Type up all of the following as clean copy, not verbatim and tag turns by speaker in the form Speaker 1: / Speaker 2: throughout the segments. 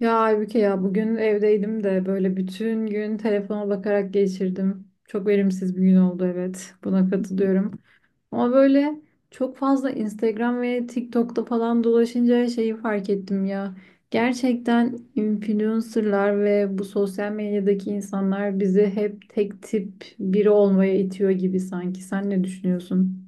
Speaker 1: Ya Aybüke ya bugün evdeydim de böyle bütün gün telefona bakarak geçirdim. Çok verimsiz bir gün oldu, evet. Buna katılıyorum. Ama böyle çok fazla Instagram ve TikTok'ta falan dolaşınca şeyi fark ettim ya. Gerçekten influencerlar ve bu sosyal medyadaki insanlar bizi hep tek tip biri olmaya itiyor gibi sanki. Sen ne düşünüyorsun?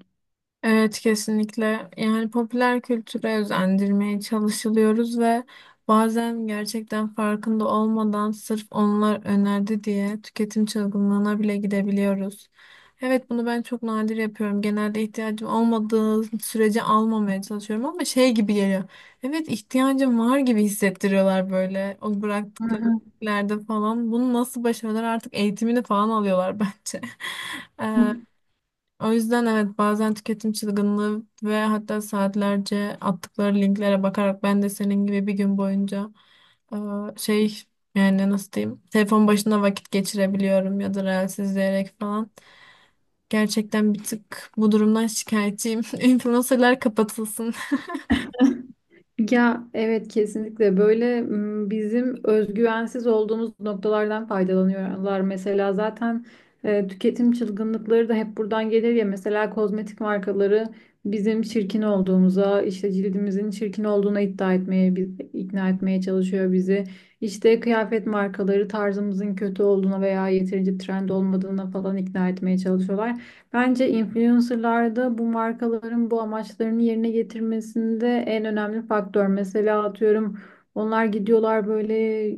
Speaker 2: Evet kesinlikle. Yani popüler kültüre özendirmeye çalışılıyoruz ve bazen gerçekten farkında olmadan sırf onlar önerdi diye tüketim çılgınlığına bile gidebiliyoruz. Evet bunu ben çok nadir yapıyorum. Genelde ihtiyacım olmadığı sürece almamaya çalışıyorum ama şey gibi geliyor. Evet ihtiyacım var gibi hissettiriyorlar böyle o bıraktıkları
Speaker 1: Hı
Speaker 2: şeylerde falan. Bunu nasıl başarıyorlar artık eğitimini falan alıyorlar bence.
Speaker 1: hı.
Speaker 2: O yüzden evet bazen tüketim çılgınlığı ve hatta saatlerce attıkları linklere bakarak ben de senin gibi bir gün boyunca e, şey yani nasıl diyeyim telefon başında vakit geçirebiliyorum ya da reels izleyerek falan. Gerçekten bir tık bu durumdan şikayetçiyim. Influencerlar kapatılsın.
Speaker 1: Ya evet, kesinlikle böyle bizim özgüvensiz olduğumuz noktalardan faydalanıyorlar. Mesela zaten tüketim çılgınlıkları da hep buradan gelir ya. Mesela kozmetik markaları bizim çirkin olduğumuza, işte cildimizin çirkin olduğuna iddia etmeye, ikna etmeye çalışıyor bizi. İşte kıyafet markaları tarzımızın kötü olduğuna veya yeterince trend olmadığına falan ikna etmeye çalışıyorlar. Bence influencerlarda bu markaların bu amaçlarını yerine getirmesinde en önemli faktör. Mesela atıyorum onlar gidiyorlar böyle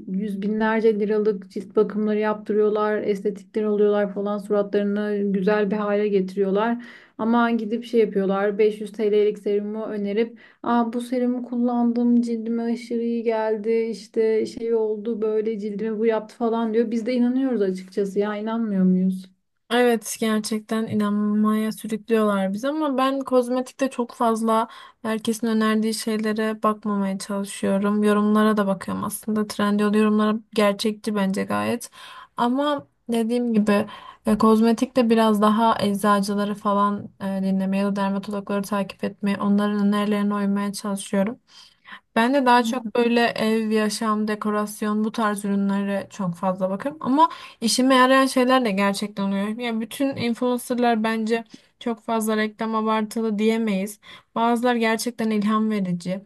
Speaker 1: yüz binlerce liralık cilt bakımları yaptırıyorlar, estetikler oluyorlar falan, suratlarını güzel bir hale getiriyorlar. Ama gidip şey yapıyorlar, 500 TL'lik serumu önerip "Aa, bu serumu kullandım, cildime aşırı iyi geldi, işte şey oldu, böyle cildime bu yaptı" falan diyor. Biz de inanıyoruz açıkçası, ya inanmıyor muyuz?
Speaker 2: Evet gerçekten inanmaya sürüklüyorlar bizi ama ben kozmetikte çok fazla herkesin önerdiği şeylere bakmamaya çalışıyorum. Yorumlara da bakıyorum aslında. Trendyol yorumlara gerçekçi bence gayet. Ama dediğim gibi kozmetikte biraz daha eczacıları falan dinlemeye ya da dermatologları takip etmeye, onların önerilerine uymaya çalışıyorum. Ben de daha
Speaker 1: Hı hı.
Speaker 2: çok böyle ev, yaşam, dekorasyon bu tarz ürünlere çok fazla bakarım. Ama işime yarayan şeyler de gerçekten oluyor. Ya bütün influencerlar bence çok fazla reklam abartılı diyemeyiz. Bazılar gerçekten ilham verici.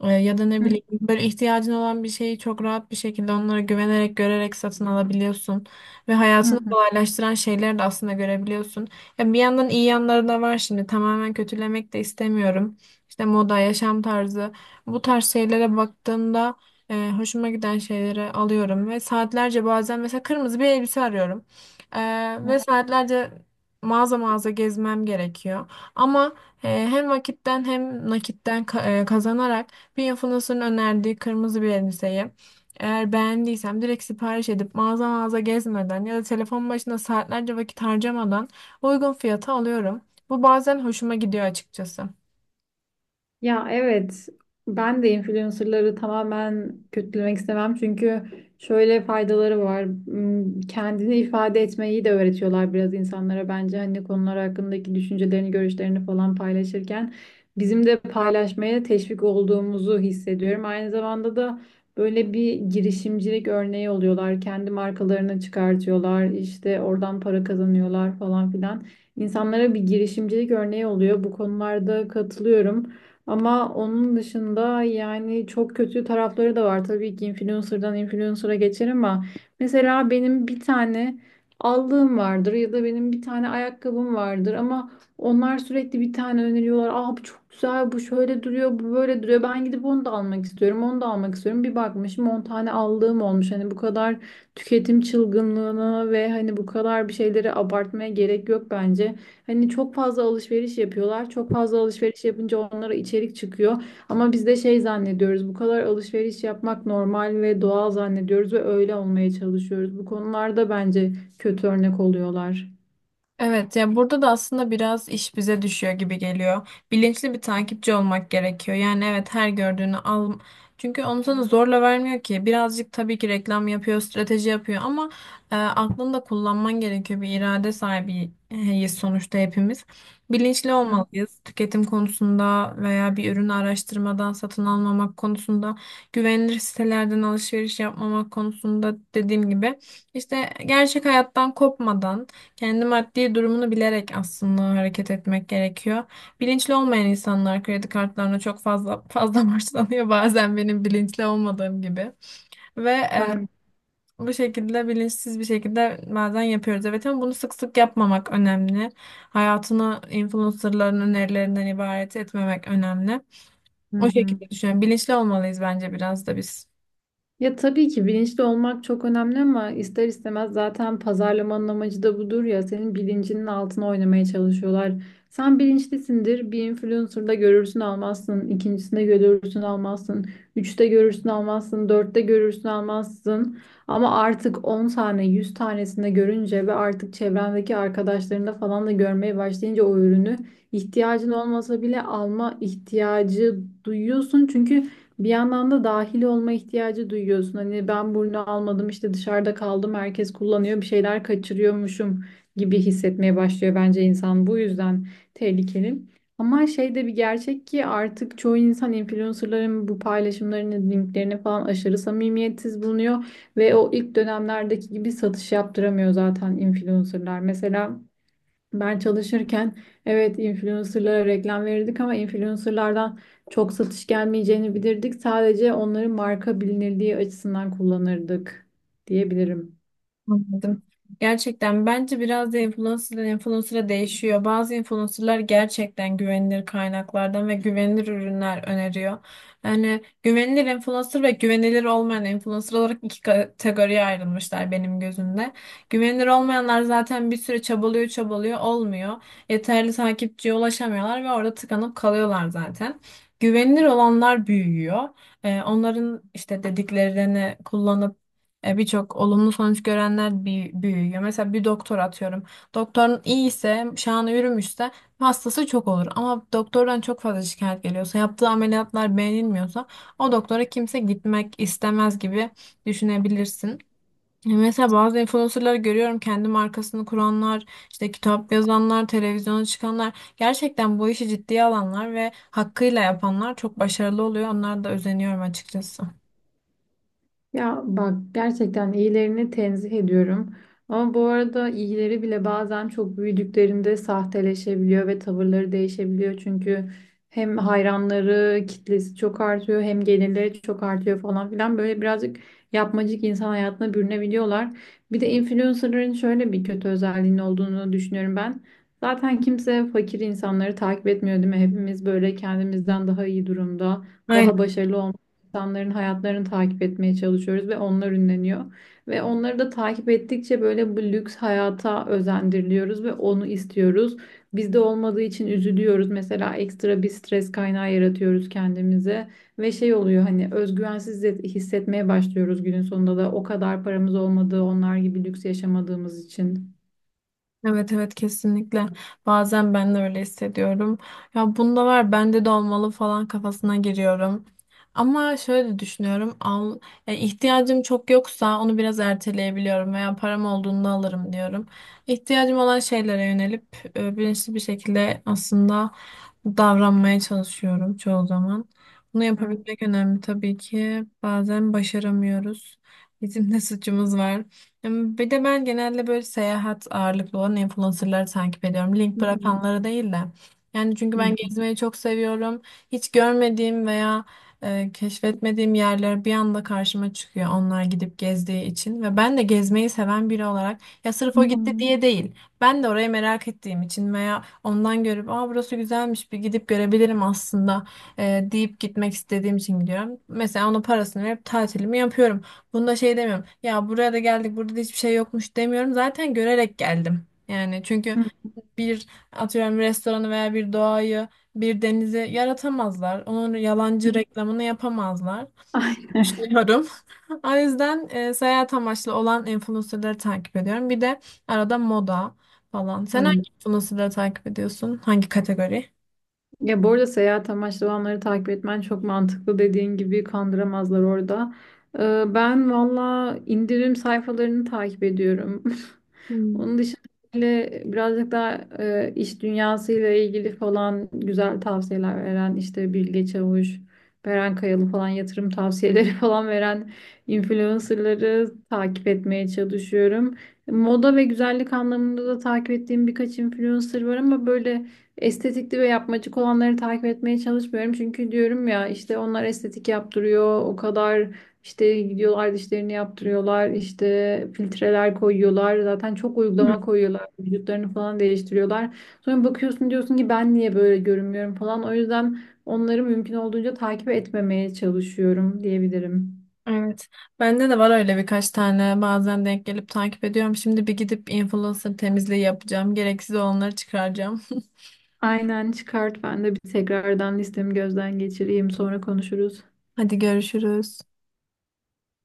Speaker 2: Ya da ne bileyim böyle ihtiyacın olan bir şeyi çok rahat bir şekilde onlara güvenerek, görerek satın alabiliyorsun. Ve
Speaker 1: Hı
Speaker 2: hayatını
Speaker 1: hı.
Speaker 2: kolaylaştıran şeyleri de aslında görebiliyorsun. Ya bir yandan iyi yanları da var şimdi. Tamamen kötülemek de istemiyorum. İşte moda, yaşam tarzı. Bu tarz şeylere baktığımda hoşuma giden şeyleri alıyorum ve saatlerce bazen mesela kırmızı bir elbise arıyorum. E, Ve saatlerce mağaza mağaza gezmem gerekiyor. Ama hem vakitten hem nakitten kazanarak bir influencer'ın önerdiği kırmızı bir elbiseyi eğer beğendiysem direkt sipariş edip mağaza mağaza gezmeden ya da telefon başında saatlerce vakit harcamadan uygun fiyata alıyorum. Bu bazen hoşuma gidiyor açıkçası.
Speaker 1: Ya evet, ben de influencerları tamamen kötülemek istemem, çünkü şöyle faydaları var. Hmm, kendini ifade etmeyi de öğretiyorlar biraz insanlara bence, hani konular hakkındaki düşüncelerini, görüşlerini falan paylaşırken bizim de paylaşmaya teşvik olduğumuzu hissediyorum. Aynı zamanda da böyle bir girişimcilik örneği oluyorlar. Kendi markalarını çıkartıyorlar, işte oradan para kazanıyorlar falan filan. İnsanlara bir girişimcilik örneği oluyor. Bu konularda katılıyorum. Ama onun dışında yani çok kötü tarafları da var. Tabii ki influencer'dan influencer'a geçer, ama mesela benim bir tane aldığım vardır ya da benim bir tane ayakkabım vardır, ama onlar sürekli bir tane öneriyorlar. Aa, bu çok güzel, bu şöyle duruyor, bu böyle duruyor. Ben gidip onu da almak istiyorum, onu da almak istiyorum. Bir bakmışım 10 tane aldığım olmuş. Hani bu kadar tüketim çılgınlığına ve hani bu kadar bir şeyleri abartmaya gerek yok bence. Hani çok fazla alışveriş yapıyorlar. Çok fazla alışveriş yapınca onlara içerik çıkıyor. Ama biz de şey zannediyoruz. Bu kadar alışveriş yapmak normal ve doğal zannediyoruz ve öyle olmaya çalışıyoruz. Bu konularda bence kötü örnek oluyorlar.
Speaker 2: Evet, ya burada da aslında biraz iş bize düşüyor gibi geliyor. Bilinçli bir takipçi olmak gerekiyor. Yani evet her gördüğünü al. Çünkü onu sana zorla vermiyor ki. Birazcık tabii ki reklam yapıyor, strateji yapıyor ama aklını da kullanman gerekiyor. Bir irade sahibiyiz sonuçta hepimiz. Bilinçli
Speaker 1: Hı,
Speaker 2: olmalıyız. Tüketim konusunda veya bir ürünü araştırmadan satın almamak konusunda, güvenilir sitelerden alışveriş yapmamak konusunda dediğim gibi işte gerçek hayattan kopmadan kendi maddi durumunu bilerek aslında hareket etmek gerekiyor. Bilinçli olmayan insanlar kredi kartlarına çok fazla borçlanıyor bazen benim bilinçli olmadığım gibi. Ve e,
Speaker 1: ben
Speaker 2: Bu şekilde bilinçsiz bir şekilde bazen yapıyoruz. Evet ama bunu sık sık yapmamak önemli. Hayatını influencerların önerilerinden ibaret etmemek önemli.
Speaker 1: hı
Speaker 2: O
Speaker 1: hı.
Speaker 2: şekilde düşünüyorum. Bilinçli olmalıyız bence biraz da biz.
Speaker 1: Ya tabii ki bilinçli olmak çok önemli, ama ister istemez zaten pazarlamanın amacı da budur ya, senin bilincinin altına oynamaya çalışıyorlar. Sen bilinçlisindir, bir influencer'da görürsün almazsın, ikincisinde görürsün almazsın, üçte görürsün almazsın, dörtte görürsün almazsın. Ama artık 10 tane 100 tanesinde görünce ve artık çevrendeki arkadaşlarında falan da görmeye başlayınca o ürünü ihtiyacın olmasa bile alma ihtiyacı duyuyorsun. Çünkü bir yandan da dahil olma ihtiyacı duyuyorsun. Hani ben bunu almadım, işte dışarıda kaldım, herkes kullanıyor, bir şeyler kaçırıyormuşum gibi hissetmeye başlıyor bence insan. Bu yüzden tehlikeli. Ama şey de bir gerçek ki, artık çoğu insan influencerların bu paylaşımlarını, linklerini falan aşırı samimiyetsiz bulunuyor ve o ilk dönemlerdeki gibi satış yaptıramıyor zaten influencerlar. Mesela ben çalışırken evet, influencerlara reklam verirdik, ama influencerlardan çok satış gelmeyeceğini bilirdik. Sadece onların marka bilinirliği açısından kullanırdık diyebilirim.
Speaker 2: Anladım. Gerçekten bence biraz da influencer'dan influencer'a değişiyor. Bazı influencer'lar gerçekten güvenilir kaynaklardan ve güvenilir ürünler öneriyor. Yani güvenilir influencer ve güvenilir olmayan influencer olarak iki kategoriye ayrılmışlar benim gözümde. Güvenilir olmayanlar zaten bir süre çabalıyor olmuyor. Yeterli takipçiye ulaşamıyorlar ve orada tıkanıp kalıyorlar zaten. Güvenilir olanlar büyüyor. Onların işte dediklerini kullanıp birçok olumlu sonuç görenler büyüyor. Mesela bir doktor atıyorum. Doktorun iyi ise, şanı yürümüşse hastası çok olur. Ama doktordan çok fazla şikayet geliyorsa, yaptığı ameliyatlar beğenilmiyorsa o doktora kimse gitmek istemez gibi düşünebilirsin. Mesela bazı influencerları görüyorum kendi markasını kuranlar, işte kitap yazanlar, televizyona çıkanlar gerçekten bu işi ciddiye alanlar ve hakkıyla yapanlar çok başarılı oluyor. Onlara da özeniyorum açıkçası.
Speaker 1: Ya bak, gerçekten iyilerini tenzih ediyorum. Ama bu arada iyileri bile bazen çok büyüdüklerinde sahteleşebiliyor ve tavırları değişebiliyor. Çünkü hem hayranları, kitlesi çok artıyor, hem gelirleri çok artıyor falan filan. Böyle birazcık yapmacık insan hayatına bürünebiliyorlar. Bir de influencerların şöyle bir kötü özelliğinin olduğunu düşünüyorum ben. Zaten kimse fakir insanları takip etmiyor, değil mi? Hepimiz böyle kendimizden daha iyi durumda, daha başarılı insanların hayatlarını takip etmeye çalışıyoruz ve onlar ünleniyor. Ve onları da takip ettikçe böyle bu lüks hayata özendiriliyoruz ve onu istiyoruz. Bizde olmadığı için üzülüyoruz. Mesela ekstra bir stres kaynağı yaratıyoruz kendimize ve şey oluyor, hani hissetmeye başlıyoruz günün sonunda da, o kadar paramız olmadığı, onlar gibi lüks yaşamadığımız için.
Speaker 2: Evet, evet, kesinlikle. Bazen ben de öyle hissediyorum. Ya bunda var bende de olmalı falan kafasına giriyorum. Ama şöyle düşünüyorum. Al, yani ihtiyacım çok yoksa onu biraz erteleyebiliyorum veya param olduğunda alırım diyorum. İhtiyacım olan şeylere yönelip bilinçli bir şekilde aslında davranmaya çalışıyorum çoğu zaman. Bunu
Speaker 1: Hı
Speaker 2: yapabilmek önemli tabii ki. Bazen başaramıyoruz. Bizim de suçumuz var. Bir de ben genelde böyle seyahat ağırlıklı olan influencerları takip ediyorum. Link
Speaker 1: hı hı.
Speaker 2: bırakanları değil de. Yani çünkü ben gezmeyi çok seviyorum. Hiç görmediğim veya keşfetmediğim yerler bir anda karşıma çıkıyor onlar gidip gezdiği için. Ve ben de gezmeyi seven biri olarak ya sırf
Speaker 1: Hı
Speaker 2: o gitti
Speaker 1: hı.
Speaker 2: diye değil. Ben de orayı merak ettiğim için veya ondan görüp aa burası güzelmiş bir gidip görebilirim aslında deyip gitmek istediğim için gidiyorum. Mesela onun parasını verip tatilimi yapıyorum. Bunda şey demiyorum. Ya buraya da geldik, burada da hiçbir şey yokmuş demiyorum. Zaten görerek geldim. Yani çünkü
Speaker 1: Hı.
Speaker 2: bir atıyorum restoranı veya bir doğayı, bir denizi yaratamazlar. Onun yalancı reklamını yapamazlar. Düşünüyorum. O yüzden seyahat amaçlı olan influencerları takip ediyorum. Bir de arada moda falan. Sen
Speaker 1: Aynen.
Speaker 2: hangi influencerları takip ediyorsun? Hangi kategori?
Speaker 1: Ya bu arada seyahat amaçlı olanları takip etmen çok mantıklı, dediğin gibi kandıramazlar orada. Ben valla indirim sayfalarını takip ediyorum.
Speaker 2: Hmm.
Speaker 1: Onun dışında böyle birazcık daha iş dünyasıyla ilgili falan güzel tavsiyeler veren işte Bilge Çavuş, Beren Kayalı falan, yatırım tavsiyeleri falan veren influencerları takip etmeye çalışıyorum. Moda ve güzellik anlamında da takip ettiğim birkaç influencer var, ama böyle estetikli ve yapmacık olanları takip etmeye çalışmıyorum. Çünkü diyorum ya, işte onlar estetik yaptırıyor. O kadar işte gidiyorlar dişlerini yaptırıyorlar, işte filtreler koyuyorlar. Zaten çok uygulama koyuyorlar. Vücutlarını falan değiştiriyorlar. Sonra bakıyorsun diyorsun ki ben niye böyle görünmüyorum falan. O yüzden onları mümkün olduğunca takip etmemeye çalışıyorum diyebilirim.
Speaker 2: Evet. Bende de var öyle birkaç tane bazen denk gelip takip ediyorum. Şimdi bir gidip influencer temizliği yapacağım. Gereksiz olanları çıkaracağım.
Speaker 1: Aynen, çıkart, ben de bir tekrardan listemi gözden geçireyim, sonra konuşuruz.
Speaker 2: Hadi görüşürüz.